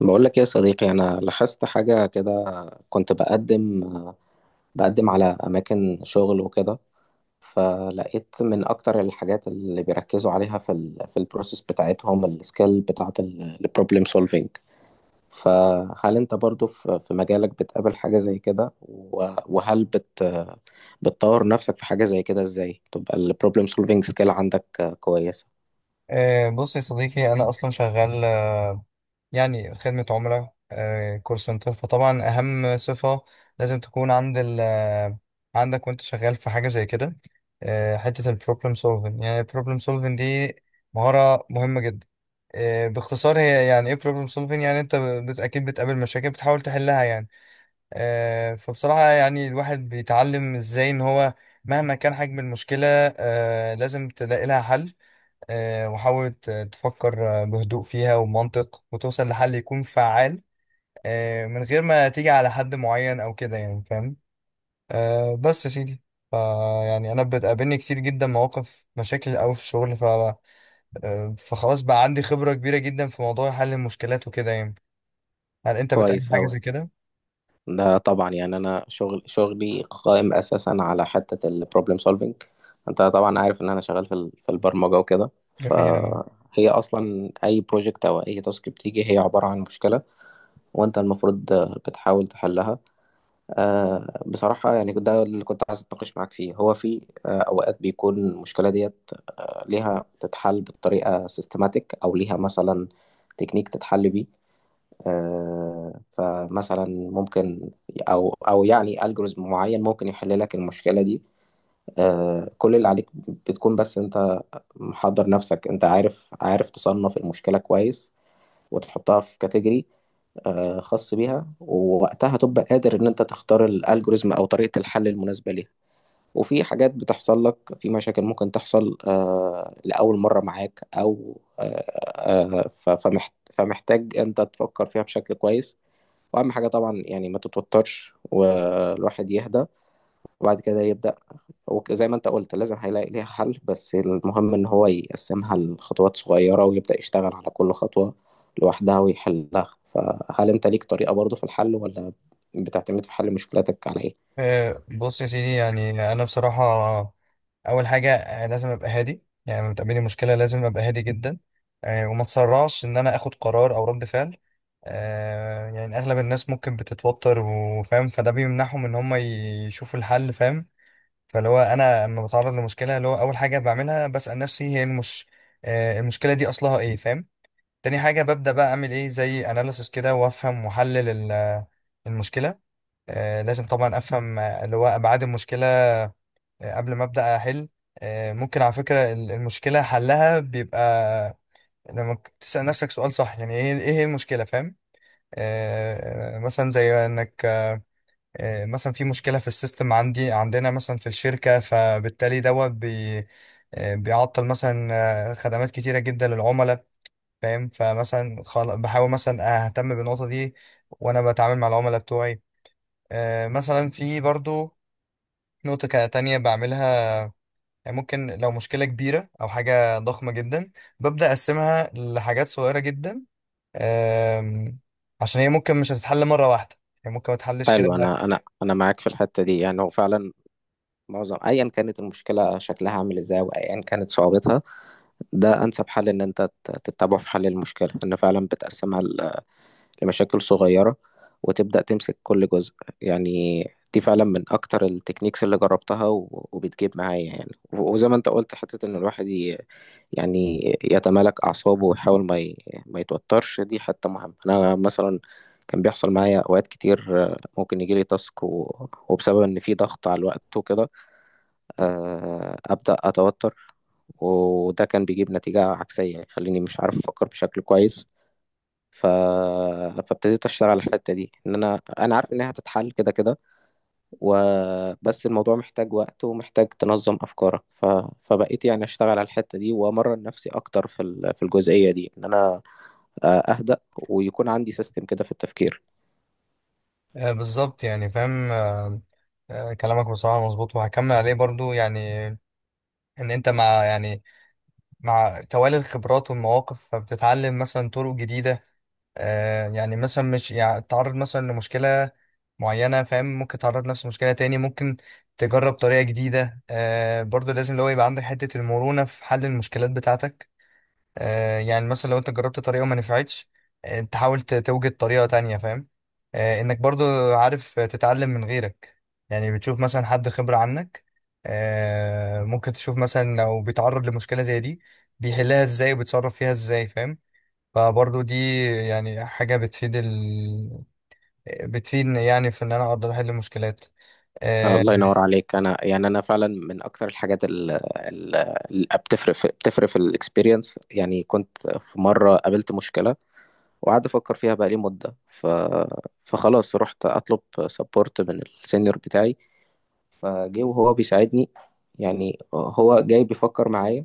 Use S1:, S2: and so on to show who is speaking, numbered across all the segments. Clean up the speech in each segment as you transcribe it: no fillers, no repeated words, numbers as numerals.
S1: بقول لك إيه يا صديقي، انا لاحظت حاجه كده. كنت بقدم على اماكن شغل وكده، فلقيت من اكتر الحاجات اللي بيركزوا عليها في ال في البروسيس بتاعتهم السكيل بتاعه البروبلم سولفينج. فهل انت برضو في مجالك بتقابل حاجه زي كده؟ وهل بتطور نفسك في حاجه زي كده؟ ازاي تبقى البروبلم سولفينج سكيل عندك كويسه؟
S2: آه، بص يا صديقي، أنا أصلا شغال، يعني خدمة عملاء، كول سنتر. فطبعا أهم صفة لازم تكون عند ال آه، عندك وأنت شغال في حاجة زي كده، حتة البروبلم سولفين. يعني البروبلم سولفين دي مهارة مهمة جدا. باختصار، هي يعني إيه بروبلم سولفين؟ يعني أنت أكيد بتقابل مشاكل بتحاول تحلها يعني. فبصراحة يعني الواحد بيتعلم إزاي إن هو مهما كان حجم المشكلة، لازم تلاقي لها حل. وحاول تفكر بهدوء فيها ومنطق، وتوصل لحل يكون فعال، من غير ما تيجي على حد معين او كده، يعني فاهم. بس يا سيدي، ف- يعني انا بتقابلني كتير جدا مواقف، مشاكل قوي في الشغل، ف آه، فخلاص بقى عندي خبرة كبيرة جدا في موضوع حل المشكلات وكده يعني. هل انت بتقابل
S1: كويس
S2: حاجة
S1: أوي.
S2: زي كده؟
S1: ده طبعا يعني انا شغلي قائم اساسا على حته البروبلم سولفينج. انت طبعا عارف ان انا شغال في البرمجه وكده،
S2: جميل.
S1: فهي اصلا اي بروجكت او اي تاسك بتيجي هي عباره عن مشكله، وانت المفروض بتحاول تحلها. بصراحه يعني ده اللي كنت عايز اتناقش معاك فيه. هو في اوقات بيكون المشكله ديت ليها تتحل بطريقه سيستماتيك، او ليها مثلا تكنيك تتحل بيه. فمثلا ممكن او يعني الجوريزم معين ممكن يحل لك المشكله دي. كل اللي عليك بتكون بس انت محضر نفسك، انت عارف تصنف المشكله كويس وتحطها في كاتيجوري خاص بيها، ووقتها تبقى قادر ان انت تختار الالجوريزم او طريقه الحل المناسبه ليها. وفي حاجات بتحصل لك، في مشاكل ممكن تحصل لاول مره معاك او آه، آه، ف- فمحت- فمحتاج انت تفكر فيها بشكل كويس. واهم حاجه طبعا يعني ما تتوترش، والواحد يهدى وبعد كده يبدا. وزي ما انت قلت، لازم هيلاقي ليها حل، بس المهم ان هو يقسمها لخطوات صغيره ويبدا يشتغل على كل خطوه لوحدها ويحلها. فهل انت ليك طريقه برضو في الحل، ولا بتعتمد في حل مشكلتك على ايه؟
S2: آه، بص يا سيدي، يعني انا بصراحه اول حاجه، لازم ابقى هادي. يعني لما تقابلني مشكله لازم ابقى هادي جدا، وما اتسرعش ان انا اخد قرار او رد فعل. يعني اغلب الناس ممكن بتتوتر وفاهم، فده بيمنعهم ان هم يشوفوا الحل، فاهم. فاللي هو انا لما بتعرض لمشكله، اللي هو اول حاجه بعملها بسال نفسي هي المشكله دي اصلها ايه، فاهم. تاني حاجه ببدا بقى اعمل ايه زي اناليسس كده وافهم واحلل المشكله. لازم طبعا افهم، اللي هو ابعاد المشكله، قبل ما ابدا احل. ممكن على فكره المشكله حلها بيبقى لما تسال نفسك سؤال صح. يعني ايه هي المشكله، فاهم. مثلا زي انك، مثلا في مشكله في السيستم عندنا مثلا في الشركه، فبالتالي دوت بي بيعطل مثلا خدمات كتيره جدا للعملاء، فاهم. فمثلا بحاول مثلا اهتم بالنقطه دي وانا بتعامل مع العملاء بتوعي. مثلا في برضو نقطة تانية بعملها. يعني ممكن لو مشكلة كبيرة أو حاجة ضخمة جدا ببدأ أقسمها لحاجات صغيرة جدا، أم، عشان هي ممكن مش هتتحل مرة واحدة، هي ممكن ما تتحلش كده.
S1: حلو. انا معاك في الحته دي، يعني هو فعلا معظم، ايا كانت المشكله شكلها عامل ازاي وايا كانت صعوبتها، ده انسب حل ان انت تتبعه في حل المشكله، ان فعلا بتقسمها لمشاكل صغيرة وتبدأ تمسك كل جزء. يعني دي فعلا من أكتر التكنيكس اللي جربتها وبتجيب معايا. يعني وزي ما أنت قلت، حتة إن الواحد يعني يتمالك أعصابه ويحاول ما يتوترش، دي حتة مهمة. أنا مثلا كان بيحصل معايا أوقات كتير، ممكن يجيلي تاسك وبسبب إن في ضغط على الوقت وكده أبدأ أتوتر، وده كان بيجيب نتيجة عكسية، يخليني مش عارف أفكر بشكل كويس. ف... فابتديت اشتغل على الحته دي، ان انا عارف انها هتتحل كده كده، وبس الموضوع محتاج وقت ومحتاج تنظم افكارك. فبقيت يعني اشتغل على الحته دي وامرن نفسي اكتر في الجزئيه دي، ان انا اهدأ ويكون عندي سيستم كده في التفكير.
S2: أه، بالظبط يعني فاهم. أه، كلامك بصراحة مظبوط، وهكمل عليه برضو يعني. إن أنت، مع توالي الخبرات والمواقف فبتتعلم مثلا طرق جديدة. يعني مثلا مش يعني تعرض مثلا لمشكلة معينة، فاهم، ممكن تعرض نفس المشكلة تاني، ممكن تجرب طريقة جديدة. برضو لازم اللي هو يبقى عندك حتة المرونة في حل المشكلات بتاعتك. يعني مثلا لو انت جربت طريقة وما نفعتش، تحاول توجد طريقة تانية، فاهم. انك برضو عارف تتعلم من غيرك. يعني بتشوف مثلا حد خبرة عنك، ممكن تشوف مثلا لو بيتعرض لمشكلة زي دي بيحلها ازاي وبيتصرف فيها ازاي، فاهم. فبرضه دي يعني حاجة بتفيد بتفيدني، يعني في إن أنا أقدر أحل مشكلات. آه
S1: الله ينور عليك. انا يعني انا فعلا من اكتر الحاجات اللي بتفرق في الاكسبيرينس. يعني كنت في مره قابلت مشكله وقعدت افكر فيها بقالي مده. فخلاص رحت اطلب سبورت من السينيور بتاعي، فجه وهو بيساعدني. يعني هو جاي بيفكر معايا،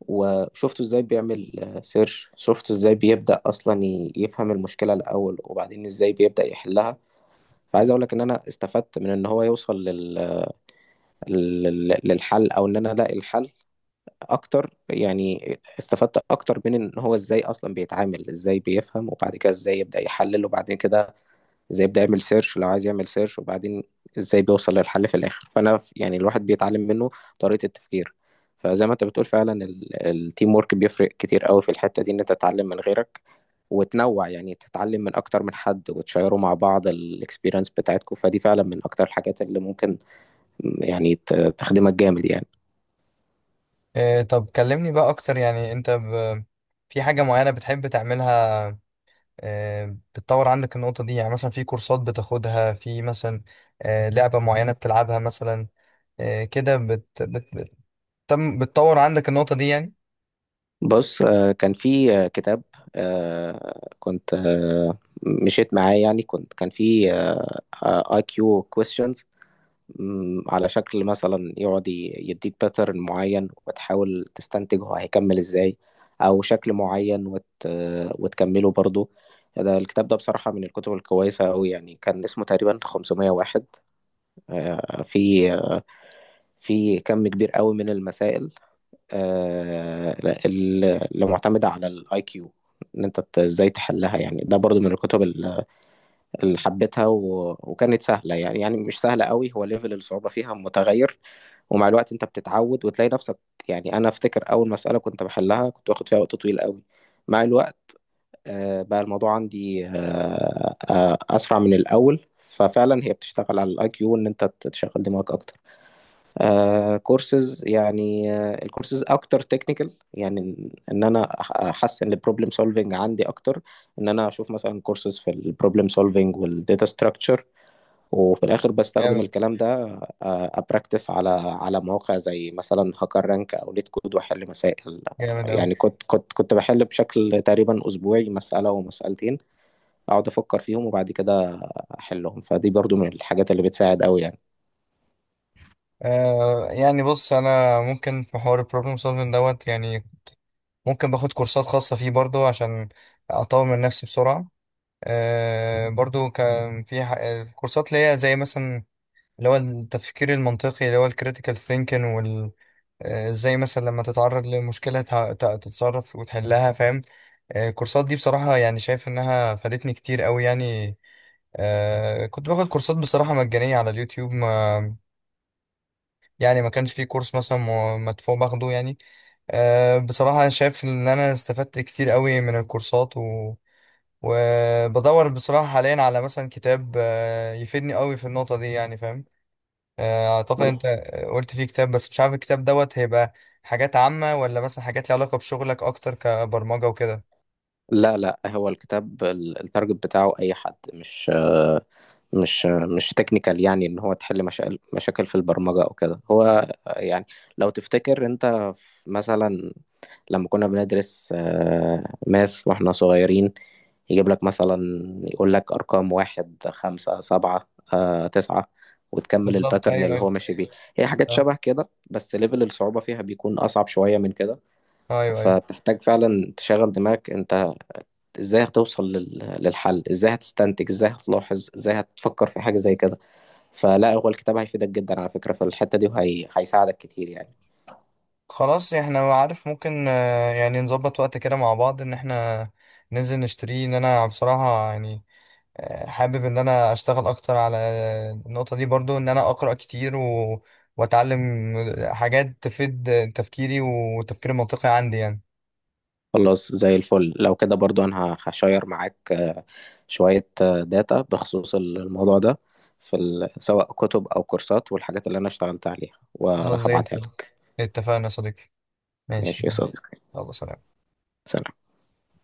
S1: وشفته ازاي بيعمل سيرش، شفته ازاي بيبدأ اصلا يفهم المشكله الاول، وبعدين ازاي بيبدأ يحلها. فعايز اقول لك ان انا استفدت من ان هو يوصل للحل، او ان انا الاقي الحل اكتر. يعني استفدت اكتر من ان هو ازاي اصلا بيتعامل، ازاي بيفهم، وبعد كده ازاي يبدأ يحلل، وبعد كده ازاي يبدأ يعمل سيرش لو عايز يعمل سيرش، وبعدين ازاي بيوصل للحل في الاخر. فانا يعني الواحد بيتعلم منه طريقة التفكير. فزي ما انت بتقول فعلا، التيم ورك بيفرق كتير قوي في الحتة دي، ان انت تتعلم من غيرك وتنوع، يعني تتعلم من اكتر من حد وتشيروا مع بعض الاكسبيرينس بتاعتكم. فدي فعلا من اكتر الحاجات اللي ممكن يعني تخدمك جامد يعني.
S2: طب كلمني بقى أكتر. يعني أنت في حاجة معينة بتحب تعملها؟ بتطور عندك النقطة دي يعني مثلا في كورسات بتاخدها؟ في مثلا لعبة معينة بتلعبها مثلا؟ كده بتطور عندك النقطة دي يعني.
S1: بص، كان في كتاب كنت مشيت معاه. يعني كان في اي كيو كويستشنز، مم، على شكل مثلا يقعد يديك باترن معين وتحاول تستنتج هو هيكمل ازاي، او شكل معين وتكمله برضو. ده الكتاب ده بصراحة من الكتب الكويسة أوي، يعني كان اسمه تقريبا 500 واحد. في كم كبير قوي من المسائل آه، اللي معتمدة على الاي كيو، ان انت ازاي تحلها. يعني ده برضو من اللي حبيتها وكانت سهلة، يعني يعني مش سهلة قوي، هو ليفل الصعوبة فيها متغير. ومع الوقت انت بتتعود وتلاقي نفسك. يعني انا افتكر اول مسألة كنت بحلها كنت واخد فيها وقت طويل قوي، مع الوقت بقى الموضوع عندي اسرع من الاول. ففعلا هي بتشتغل على الاي كيو، ان انت تشغل دماغك اكتر. كورسز يعني، الكورسز اكتر تكنيكال، يعني ان احسن البروبلم سولفنج عندي اكتر، ان انا اشوف مثلا كورسز في البروبلم سولفنج والداتا ستراكشر، وفي الاخر بستخدم
S2: جامد.
S1: الكلام ده. ابراكتس على مواقع زي مثلا هاكر رانك او ليت كود واحل مسائل.
S2: جامد أوي.
S1: يعني كنت بحل بشكل تقريبا اسبوعي مساله ومسالتين، اقعد افكر فيهم وبعد كده احلهم. فدي برضو من الحاجات اللي بتساعد قوي يعني.
S2: يعني بص، أنا ممكن في حوار البروبلم سولفنج دوت يعني، ممكن باخد كورسات خاصة فيه برضو عشان أطور من نفسي بسرعة. برضو كان في كورسات اللي هي زي مثلا اللي هو التفكير المنطقي، اللي هو الكريتيكال ثينكين، وال آه، ازاي مثلا لما تتعرض لمشكلة تتصرف وتحلها، فاهم. الكورسات دي بصراحة يعني شايف إنها فادتني كتير قوي يعني. كنت باخد كورسات بصراحة مجانية على اليوتيوب، ما يعني ما كانش في كورس مثلا مدفوع باخده يعني. بصراحة أنا شايف إن أنا استفدت كتير قوي من الكورسات، وبدور بصراحة حاليا على مثلا كتاب يفيدني قوي في النقطة دي يعني، فاهم. أعتقد أنت قلت فيه كتاب، بس مش عارف الكتاب دوت هيبقى حاجات عامة ولا مثلا حاجات ليها علاقة بشغلك أكتر كبرمجة وكده.
S1: لا لا، هو التارجت بتاعه اي حد، مش مش تكنيكال، يعني ان هو تحل مشاكل، مشاكل في البرمجه او كده. هو يعني لو تفتكر انت مثلا لما كنا بندرس ماث واحنا صغيرين، يجيب لك مثلا، يقول لك أرقام واحد خمسة سبعة تسعة، وتكمل
S2: بالظبط،
S1: الباترن
S2: أيوه،
S1: اللي هو
S2: أيوه.
S1: ماشي بيه. هي حاجات
S2: آه،
S1: شبه كده، بس ليفل الصعوبة فيها بيكون أصعب شوية من كده،
S2: أيوه، أيوه.
S1: فبتحتاج فعلا تشغل دماغك أنت. إزاي هتوصل للحل؟ إزاي هتستنتج؟ إزاي هتلاحظ؟ إزاي هتفكر في حاجة زي كده؟ فلا، هو الكتاب هيفيدك جدا على فكرة في الحتة دي، وهيساعدك كتير يعني.
S2: خلاص، إحنا عارف ممكن، يعني نظبط وقت كده مع بعض، إن إحنا ننزل نشتريه. إن أنا بصراحة يعني حابب ان انا اشتغل اكتر على النقطة دي برضو، ان انا اقرأ كتير واتعلم حاجات تفيد تفكيري والتفكير المنطقي عندي يعني.
S1: خلاص زي الفل. لو كده برضو انا هشير معاك شوية داتا بخصوص الموضوع ده، في سواء كتب او كورسات والحاجات اللي انا اشتغلت عليها،
S2: خلاص، زي
S1: وهبعتها
S2: الفل.
S1: لك.
S2: اتفقنا يا صديقي.
S1: ماشي
S2: ماشي.
S1: يا صديقي.
S2: يلا، سلام.
S1: سلام.